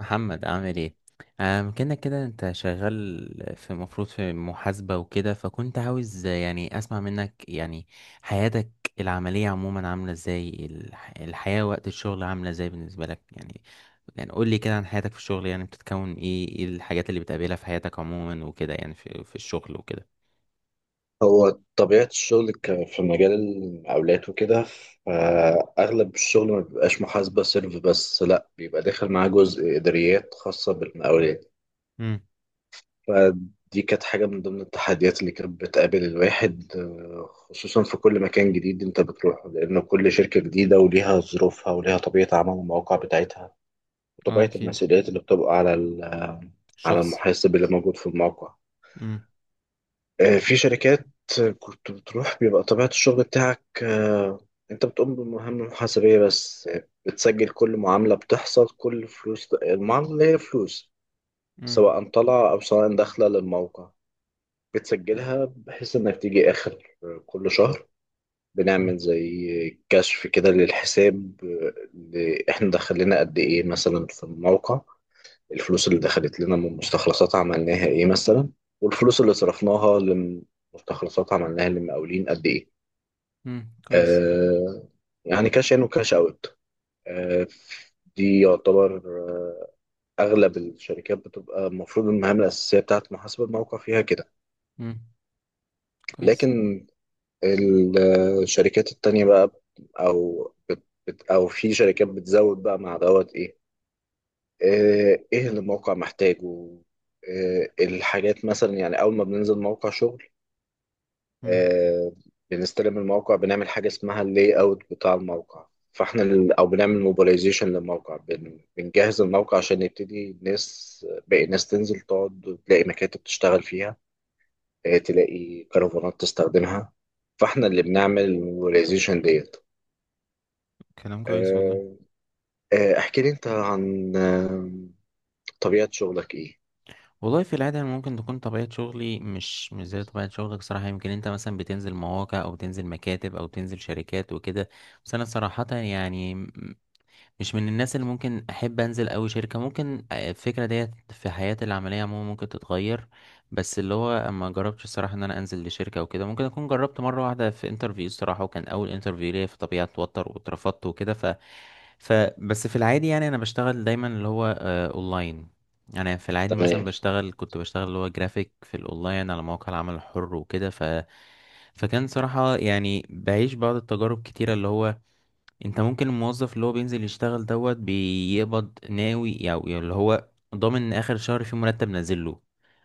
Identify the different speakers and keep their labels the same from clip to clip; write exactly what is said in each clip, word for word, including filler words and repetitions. Speaker 1: محمد عامل ايه؟ آم كنا كده، انت شغال في، مفروض، في محاسبة وكده. فكنت عاوز يعني اسمع منك يعني حياتك العملية عموما عاملة ازاي. الح- الحياة وقت الشغل عاملة ازاي بالنسبة لك يعني يعني قول لي كده عن حياتك في الشغل، يعني بتتكون ايه، ايه الحاجات اللي بتقابلها في حياتك عموما وكده يعني، في في الشغل وكده.
Speaker 2: هو طبيعة الشغل ك- في مجال المقاولات وكده، فأغلب الشغل ما بيبقاش محاسبة سيرف بس، لأ، بيبقى داخل معاه جزء إداريات خاصة بالمقاولات.
Speaker 1: امم.
Speaker 2: فدي كانت حاجة من ضمن التحديات اللي كانت بتقابل الواحد آه، خصوصا في كل مكان جديد أنت بتروحه، لأن كل شركة جديدة وليها ظروفها وليها طبيعة عمل المواقع بتاعتها،
Speaker 1: اه،
Speaker 2: وطبيعة
Speaker 1: اكيد.
Speaker 2: المسؤوليات اللي بتبقى على ال- على
Speaker 1: الشخص.
Speaker 2: المحاسب اللي موجود في الموقع.
Speaker 1: امم.
Speaker 2: آه، في شركات كنت بتروح بيبقى طبيعة الشغل بتاعك آه، انت بتقوم بمهام محاسبية بس آه، بتسجل كل معاملة بتحصل، كل فلوس المعاملة اللي هي فلوس
Speaker 1: امم.
Speaker 2: سواء طالعة أو سواء داخلة للموقع،
Speaker 1: حلو.
Speaker 2: بتسجلها بحيث إنك تيجي آخر كل شهر
Speaker 1: امم.
Speaker 2: بنعمل زي كشف كده للحساب آه، اللي إحنا دخلنا قد إيه مثلا في الموقع. الفلوس اللي دخلت لنا من مستخلصات عملناها ايه مثلا، والفلوس اللي صرفناها لمستخلصات عملناها لمقاولين قد ايه.
Speaker 1: امم كويس.
Speaker 2: آه يعني كاش ان وكاش اوت. آه دي يعتبر آه اغلب الشركات بتبقى المفروض المهام الاساسيه بتاعت محاسبه الموقع فيها كده.
Speaker 1: امم كويس.
Speaker 2: لكن ال- آه، الشركات التانية بقى، او بت بت- او في شركات بتزود بقى مع دوت ايه آه، ايه اللي الموقع محتاجه. آه، الحاجات مثلا، يعني اول ما بننزل موقع شغل
Speaker 1: امم
Speaker 2: آه، بنستلم الموقع، بنعمل حاجه اسمها اللاي اوت بتاع الموقع، فاحنا ال- او بنعمل موبيلايزيشن للموقع، بن- بنجهز الموقع عشان يبتدي الناس، باقي الناس، تنزل تقعد تلاقي مكاتب تشتغل فيها آه، تلاقي كرفانات تستخدمها. فاحنا اللي بنعمل الموبيلايزيشن ديت.
Speaker 1: كلام كويس والله.
Speaker 2: آه، آه، احكي لي انت عن آه، طبيعه شغلك ايه؟
Speaker 1: والله في العادة أنا ممكن تكون طبيعة شغلي مش مش زي طبيعة شغلك صراحة. يمكن انت مثلا بتنزل مواقع او بتنزل مكاتب او بتنزل شركات وكده، بس انا صراحة يعني م- مش من الناس اللي ممكن احب انزل اوي شركة. ممكن آه، الفكرة ديت في حياتي العملية عموما ممكن تتغير. بس اللي هو ما جربتش الصراحة ان انا انزل لشركة او كده. ممكن اكون جربت مرة واحدة في انترفيو الصراحة، وكان اول انترفيو ليا، فطبيعي اتوتر، واترفضت وكده. ف فبس في العادي يعني انا بشتغل دايما اللي هو آه، اونلاين. يعني في العادي مثلا
Speaker 2: تمام.
Speaker 1: بشتغل، كنت بشتغل اللي هو جرافيك في الاونلاين على مواقع العمل الحر وكده. ف فكان صراحة يعني بعيش بعض التجارب كتيرة، اللي هو انت ممكن الموظف اللي هو بينزل يشتغل دوت بيقبض ناوي، او يعني اللي هو ضامن ان اخر شهر في مرتب نازل له.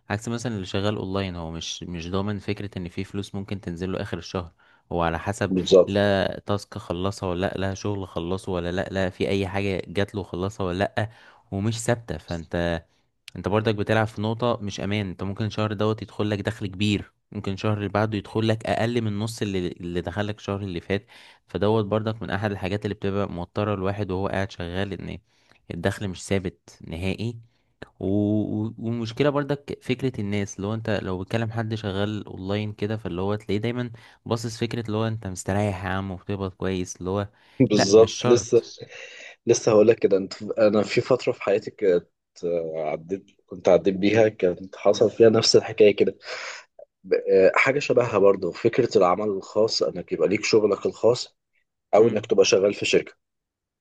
Speaker 1: عكس مثلا اللي شغال اونلاين، هو مش مش ضامن فكرة ان في فلوس ممكن تنزل له اخر الشهر. هو على حسب
Speaker 2: بالظبط.
Speaker 1: لا تاسك خلصها ولا لا، لا شغل خلصه ولا لا، لا في اي حاجة جات له خلصها ولا لا. ومش ثابتة، فانت، انت برضك بتلعب في نقطة مش امان. انت ممكن الشهر دوت يدخل لك دخل كبير، ممكن الشهر اللي بعده يدخل لك اقل من نص اللي اللي دخل لك الشهر اللي فات. فدوت برضك من احد الحاجات اللي بتبقى موترة الواحد وهو قاعد شغال، ان الدخل مش ثابت نهائي. و... و- والمشكلة برضك فكرة الناس، اللي هو انت لو بتكلم حد شغال اونلاين كده، فاللي هو تلاقيه دايما باصص فكرة اللي هو انت مستريح يا عم وبتقبض كويس، اللي هو لا مش
Speaker 2: بالظبط لسه
Speaker 1: شرط.
Speaker 2: لسه هقول لك كده. انت، انا في فتره في حياتي كانت آه، عديت، كنت عديت بيها، كانت حصل فيها نفس الحكايه كده ب- آه، حاجه شبهها، برضه فكره العمل الخاص، انك يبقى ليك شغلك الخاص او انك
Speaker 1: امم.
Speaker 2: تبقى شغال في شركه.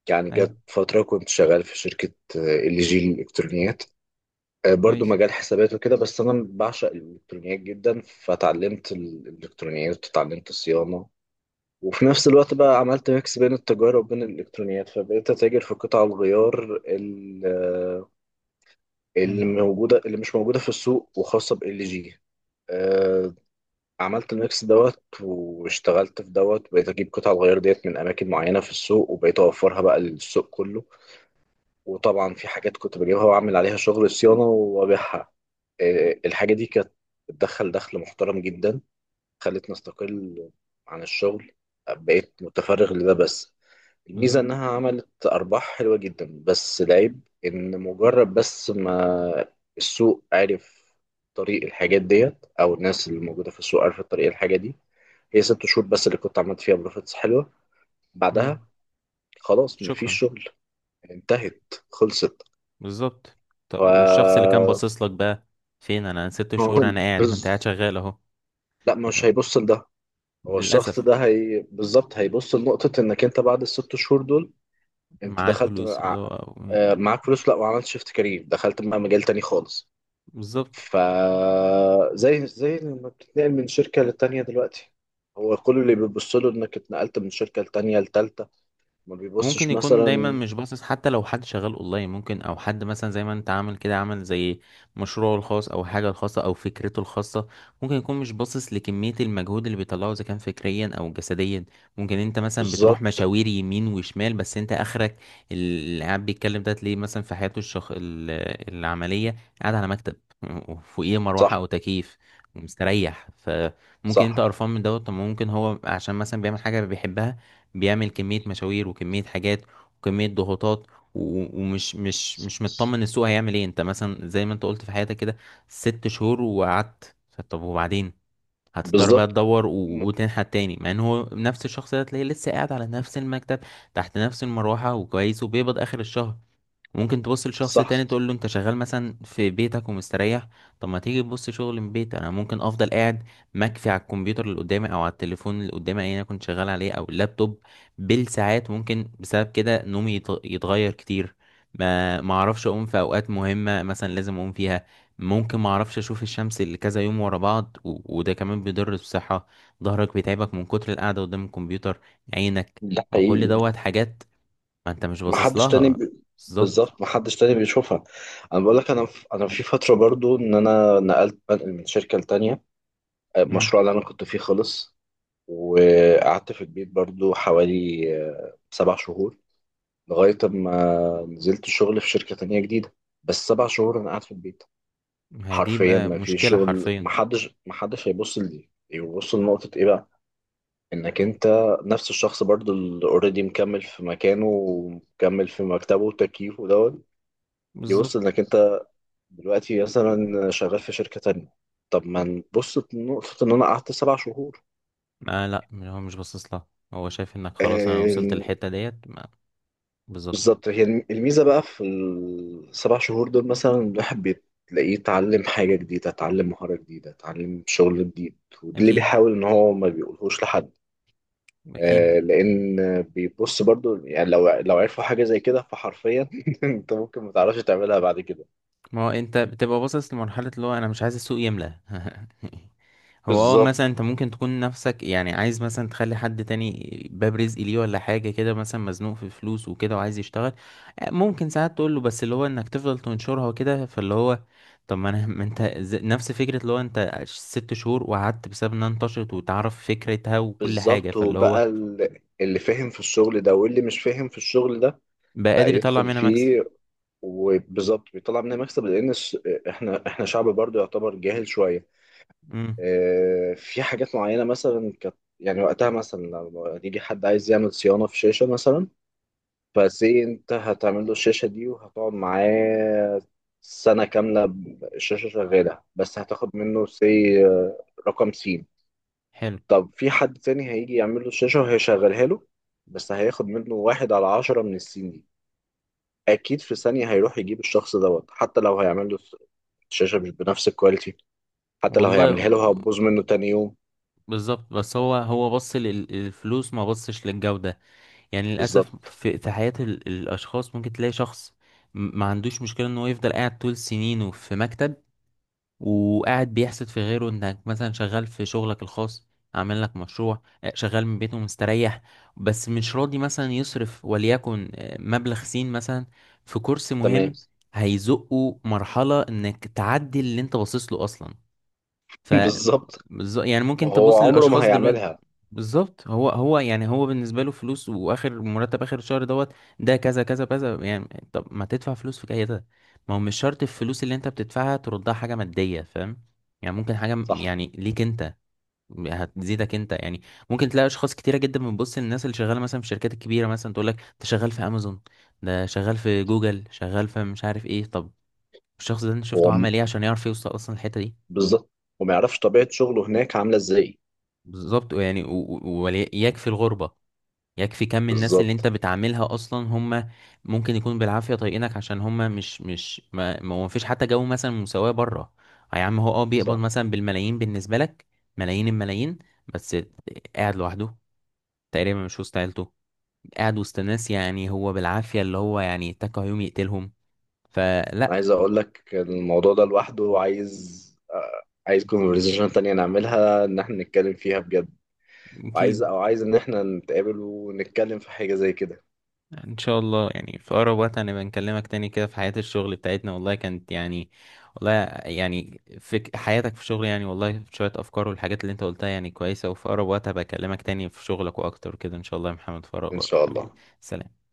Speaker 2: يعني
Speaker 1: اي.
Speaker 2: جت فتره كنت شغال في شركه آه، ال جي الالكترونيات آه، برضه
Speaker 1: كويس.
Speaker 2: مجال حسابات وكده، بس انا بعشق الالكترونيات جدا، فتعلمت الالكترونيات وتعلمت الصيانه. وفي نفس الوقت بقى عملت ميكس بين التجارة وبين الإلكترونيات، فبقيت أتاجر في قطع الغيار ال- اللي
Speaker 1: امم.
Speaker 2: موجودة، اللي مش موجودة في السوق، وخاصة بال جي. آه، عملت الميكس دوت، واشتغلت في دوت، بقيت أجيب قطع الغيار ديت من أماكن معينة في السوق، وبقيت أوفرها بقى للسوق كله. وطبعا في حاجات كنت بجيبها وأعمل عليها شغل صيانة وأبيعها. آه، الحاجة دي كانت بتدخل دخل محترم جدا، خلتني أستقل عن الشغل، بقيت متفرغ لده بس. الميزة
Speaker 1: بالظبط.
Speaker 2: إنها عملت أرباح حلوة جدا، بس العيب إن مجرد بس ما السوق عرف طريق الحاجات ديت، أو الناس اللي موجودة في السوق عرفت طريق الحاجة دي. هي ست شهور بس اللي كنت عملت فيها بروفيتس حلوة، بعدها
Speaker 1: امم.
Speaker 2: خلاص مفيش
Speaker 1: شكرا.
Speaker 2: شغل. انتهت، خلصت.
Speaker 1: بالظبط.
Speaker 2: ف
Speaker 1: طب والشخص اللي كان باصص لك بقى، فين؟ انا ست
Speaker 2: هو
Speaker 1: شهور انا قاعد. ما انت قاعد
Speaker 2: بز...
Speaker 1: شغال اهو.
Speaker 2: لا، مش
Speaker 1: يعني
Speaker 2: هيبص لده. هو الشخص
Speaker 1: للاسف.
Speaker 2: ده هي بالظبط هيبص لنقطة إنك أنت بعد الست شهور دول، أنت
Speaker 1: معاك
Speaker 2: دخلت
Speaker 1: فلوس اللي
Speaker 2: مع-
Speaker 1: هو
Speaker 2: آه،
Speaker 1: يعني.
Speaker 2: معاك فلوس، لا، وعملت شيفت كارير، دخلت بقى مجال تاني خالص.
Speaker 1: بالظبط.
Speaker 2: فزي زي لما بتتنقل من شركة للتانية دلوقتي، هو كل اللي بيبص له انك اتنقلت من شركة لتانية لتالتة، ما
Speaker 1: ممكن
Speaker 2: بيبصش
Speaker 1: يكون دايما
Speaker 2: مثلا.
Speaker 1: مش باصص، حتى لو حد شغال اونلاين. ممكن او حد مثلا زي ما انت عامل كده، عامل زي مشروعه الخاص او حاجه الخاصه او فكرته الخاصه. ممكن يكون مش باصص لكميه المجهود اللي بيطلعه، اذا كان فكريا او جسديا. ممكن انت مثلا بتروح
Speaker 2: بالظبط.
Speaker 1: مشاوير يمين وشمال، بس انت اخرك. اللي قاعد بيتكلم ده تلاقيه مثلا في حياته الشخ... ال- العمليه، قاعد على مكتب وفوقيه مروحه
Speaker 2: صح.
Speaker 1: او تكييف ومستريح. فممكن انت
Speaker 2: صح
Speaker 1: قرفان من دوت. طب ممكن هو عشان مثلا بيعمل حاجه بيحبها، بيعمل كمية مشاوير وكمية حاجات وكمية ضغوطات. و- ومش مش مش مطمن السوق هيعمل ايه. انت مثلا زي ما انت قلت في حياتك كده، ست شهور وقعدت، طب وبعدين؟ هتضطر بقى
Speaker 2: بالظبط
Speaker 1: تدور و-
Speaker 2: م-
Speaker 1: وتنحت تاني، مع ان هو نفس الشخص ده تلاقيه لسه قاعد على نفس المكتب تحت نفس المروحة وكويس وبيقبض اخر الشهر. ممكن تبص لشخص
Speaker 2: صح.
Speaker 1: تاني تقول له انت شغال مثلا في بيتك ومستريح. طب ما تيجي تبص شغل من بيت، انا ممكن افضل قاعد مكفي على الكمبيوتر اللي قدامي او على التليفون اللي قدامي اللي انا كنت شغال عليه او اللابتوب بالساعات. ممكن بسبب كده نومي يت- يتغير كتير، ما ما اعرفش اقوم في اوقات مهمة مثلا لازم اقوم فيها. ممكن ما اعرفش اشوف الشمس اللي كذا يوم ورا بعض، و... وده كمان بيضر بالصحة. ظهرك بيتعبك من كتر القعدة قدام الكمبيوتر، عينك.
Speaker 2: ده
Speaker 1: ما كل
Speaker 2: حقيقي.
Speaker 1: دوت حاجات ما انت مش
Speaker 2: ما
Speaker 1: باصص
Speaker 2: حدش تاني
Speaker 1: لها.
Speaker 2: بي...
Speaker 1: بالظبط.
Speaker 2: بالظبط. ما حدش تاني بيشوفها. انا بقول لك انا في... انا في فترة برضو، ان انا نقلت بنقل من شركة لتانية،
Speaker 1: مم.
Speaker 2: المشروع اللي انا كنت فيه خلص، وقعدت في البيت برضو حوالي آه، سبع شهور، لغاية أما نزلت شغل في شركة تانية جديدة. بس سبع شهور أنا قاعد في البيت،
Speaker 1: هي دي
Speaker 2: حرفيا
Speaker 1: بقى
Speaker 2: ما في
Speaker 1: مشكلة
Speaker 2: شغل.
Speaker 1: حرفيا.
Speaker 2: محدش محدش هيبص لدي، يبص لنقطة إيه بقى؟ إنك أنت نفس الشخص برضو اللي أوريدي مكمل في مكانه، ومكمل في مكتبه وتكييفه دوت. يبص
Speaker 1: بالظبط.
Speaker 2: إنك أنت دلوقتي مثلا شغال في شركة تانية، طب ما نبص لنقطة إن أنا قعدت سبع شهور؟
Speaker 1: آه لا، هو مش باصص لها. هو شايف انك خلاص انا وصلت
Speaker 2: آه،
Speaker 1: للحتة ديت. ما- بالظبط.
Speaker 2: بالظبط. هي الم- الميزة بقى في السبع شهور دول مثلا الواحد بتلاقيه اتعلم حاجة جديدة، اتعلم مهارة جديدة، اتعلم شغل جديد. وده اللي
Speaker 1: اكيد،
Speaker 2: بيحاول ان هو ما بيقولهوش لحد.
Speaker 1: اكيد.
Speaker 2: آه لان بيبص برضو، يعني لو لو عرفوا حاجة زي كده، فحرفيا انت ممكن ما تعرفش تعملها بعد كده.
Speaker 1: ما هو انت بتبقى باصص لمرحلة اللي هو انا مش عايز السوق يملى. هو اه
Speaker 2: بالظبط.
Speaker 1: مثلا انت ممكن تكون نفسك يعني عايز مثلا تخلي حد تاني باب رزق ليه، ولا حاجة كده مثلا مزنوق في فلوس وكده وعايز يشتغل. آه، ممكن ساعات تقول له، بس اللي هو انك تفضل تنشرها وكده فاللي هو طب ما انا ما انت ز- نفس فكرة اللي هو انت ست شهور وقعدت بسبب انها انتشرت وتعرف فكرتها وكل حاجة،
Speaker 2: بالظبط.
Speaker 1: فاللي هو
Speaker 2: وبقى ال- اللي فاهم في الشغل ده واللي مش فاهم في الشغل ده
Speaker 1: بقى
Speaker 2: بقى
Speaker 1: قادر يطلع
Speaker 2: يدخل
Speaker 1: منها مكسب.
Speaker 2: فيه. وبالظبط بيطلع منها مكسب، لان الس- احنا احنا شعب برضو يعتبر جاهل شوية.
Speaker 1: امم.
Speaker 2: آه، في حاجات معينة مثلا كانت يعني وقتها، مثلا لو يجي حد عايز يعمل صيانة في شاشة مثلا، فازاي انت هتعمل له الشاشة دي، وهتقعد معاه سنة كاملة الشاشة شغالة، بس هتاخد منه سي رقم سين.
Speaker 1: حلو.
Speaker 2: طب في حد تاني هيجي يعمل له الشاشة وهيشغلها له، بس هياخد منه واحد على عشرة من السين دي. أكيد في ثانية هيروح يجيب الشخص دوت، حتى لو هيعمل له الشاشة مش بنفس الكواليتي، حتى لو
Speaker 1: والله.
Speaker 2: هيعملها له هتبوظ منه تاني يوم.
Speaker 1: بالظبط. بس هو، هو بص للفلوس ما بصش للجودة. يعني للأسف
Speaker 2: بالظبط.
Speaker 1: في في حياة ال- الأشخاص ممكن تلاقي شخص م- ما عندوش مشكلة إن هو يفضل قاعد طول سنينه في مكتب، وقاعد بيحسد في غيره إنك مثلا شغال في شغلك الخاص، عامل لك مشروع، آه، شغال من بيته مستريح. بس مش راضي مثلا يصرف وليكن آه، مبلغ سين مثلا في كورس
Speaker 2: تمام.
Speaker 1: مهم هيزقه مرحلة إنك تعدي اللي أنت باصص له أصلا. ف
Speaker 2: بالظبط.
Speaker 1: بالظ- يعني ممكن
Speaker 2: هو
Speaker 1: تبص
Speaker 2: عمره ما
Speaker 1: للاشخاص دلوقتي.
Speaker 2: هيعملها.
Speaker 1: بالظبط، هو، هو يعني هو بالنسبه له فلوس، واخر مرتب اخر الشهر دوت ده كذا كذا كذا يعني. طب ما تدفع فلوس في كده؟ ما هو مش شرط الفلوس اللي انت بتدفعها تردها حاجه ماديه، فاهم يعني. ممكن حاجه م-
Speaker 2: صح.
Speaker 1: يعني ليك انت هتزيدك انت يعني. ممكن تلاقي اشخاص كتيره جدا بتبص للناس اللي شغاله مثلا في الشركات الكبيره، مثلا تقول لك انت شغال في امازون، ده شغال في جوجل، شغال في مش عارف ايه. طب الشخص ده انت شفته
Speaker 2: هو م-
Speaker 1: عمل ايه عشان يعرف يوصل اصلا الحته دي؟
Speaker 2: بالظبط. وما يعرفش طبيعة شغله هناك عاملة ازاي.
Speaker 1: بالظبط يعني و- و- ويكفي الغربة، يكفي كم الناس اللي انت
Speaker 2: بالظبط.
Speaker 1: بتعاملها اصلا. هم ممكن يكون بالعافية طايقينك عشان هم مش مش ما, ما هو مفيش حتى جو مثلا مساواة بره. يا عم، هو اه بيقبض
Speaker 2: صح.
Speaker 1: مثلا بالملايين، بالنسبة لك ملايين الملايين، بس قاعد لوحده، تقريبا مش وسط عيلته، قاعد وسط ناس يعني هو بالعافية اللي هو يعني اتكى يوم يقتلهم. فلا.
Speaker 2: عايز اقول لك الموضوع ده لوحده، عايز آه، عايز كونفرزيشن تانية نعملها، ان احنا نتكلم فيها بجد. عايز،
Speaker 1: اكيد.
Speaker 2: او عايز ان احنا نتقابل ونتكلم في حاجة زي كده.
Speaker 1: ان شاء الله يعني في اقرب وقت هنبقى نكلمك تاني كده في حياة الشغل بتاعتنا، والله كانت يعني، والله يعني في حياتك في الشغل، يعني والله شوية افكار والحاجات اللي انت قلتها يعني كويسة. وفي اقرب وقت هبقى اكلمك تاني في شغلك واكتر كده ان شاء الله يا محمد، في اقرب
Speaker 2: ان
Speaker 1: وقت
Speaker 2: شاء
Speaker 1: حبيبي.
Speaker 2: الله.
Speaker 1: سلام.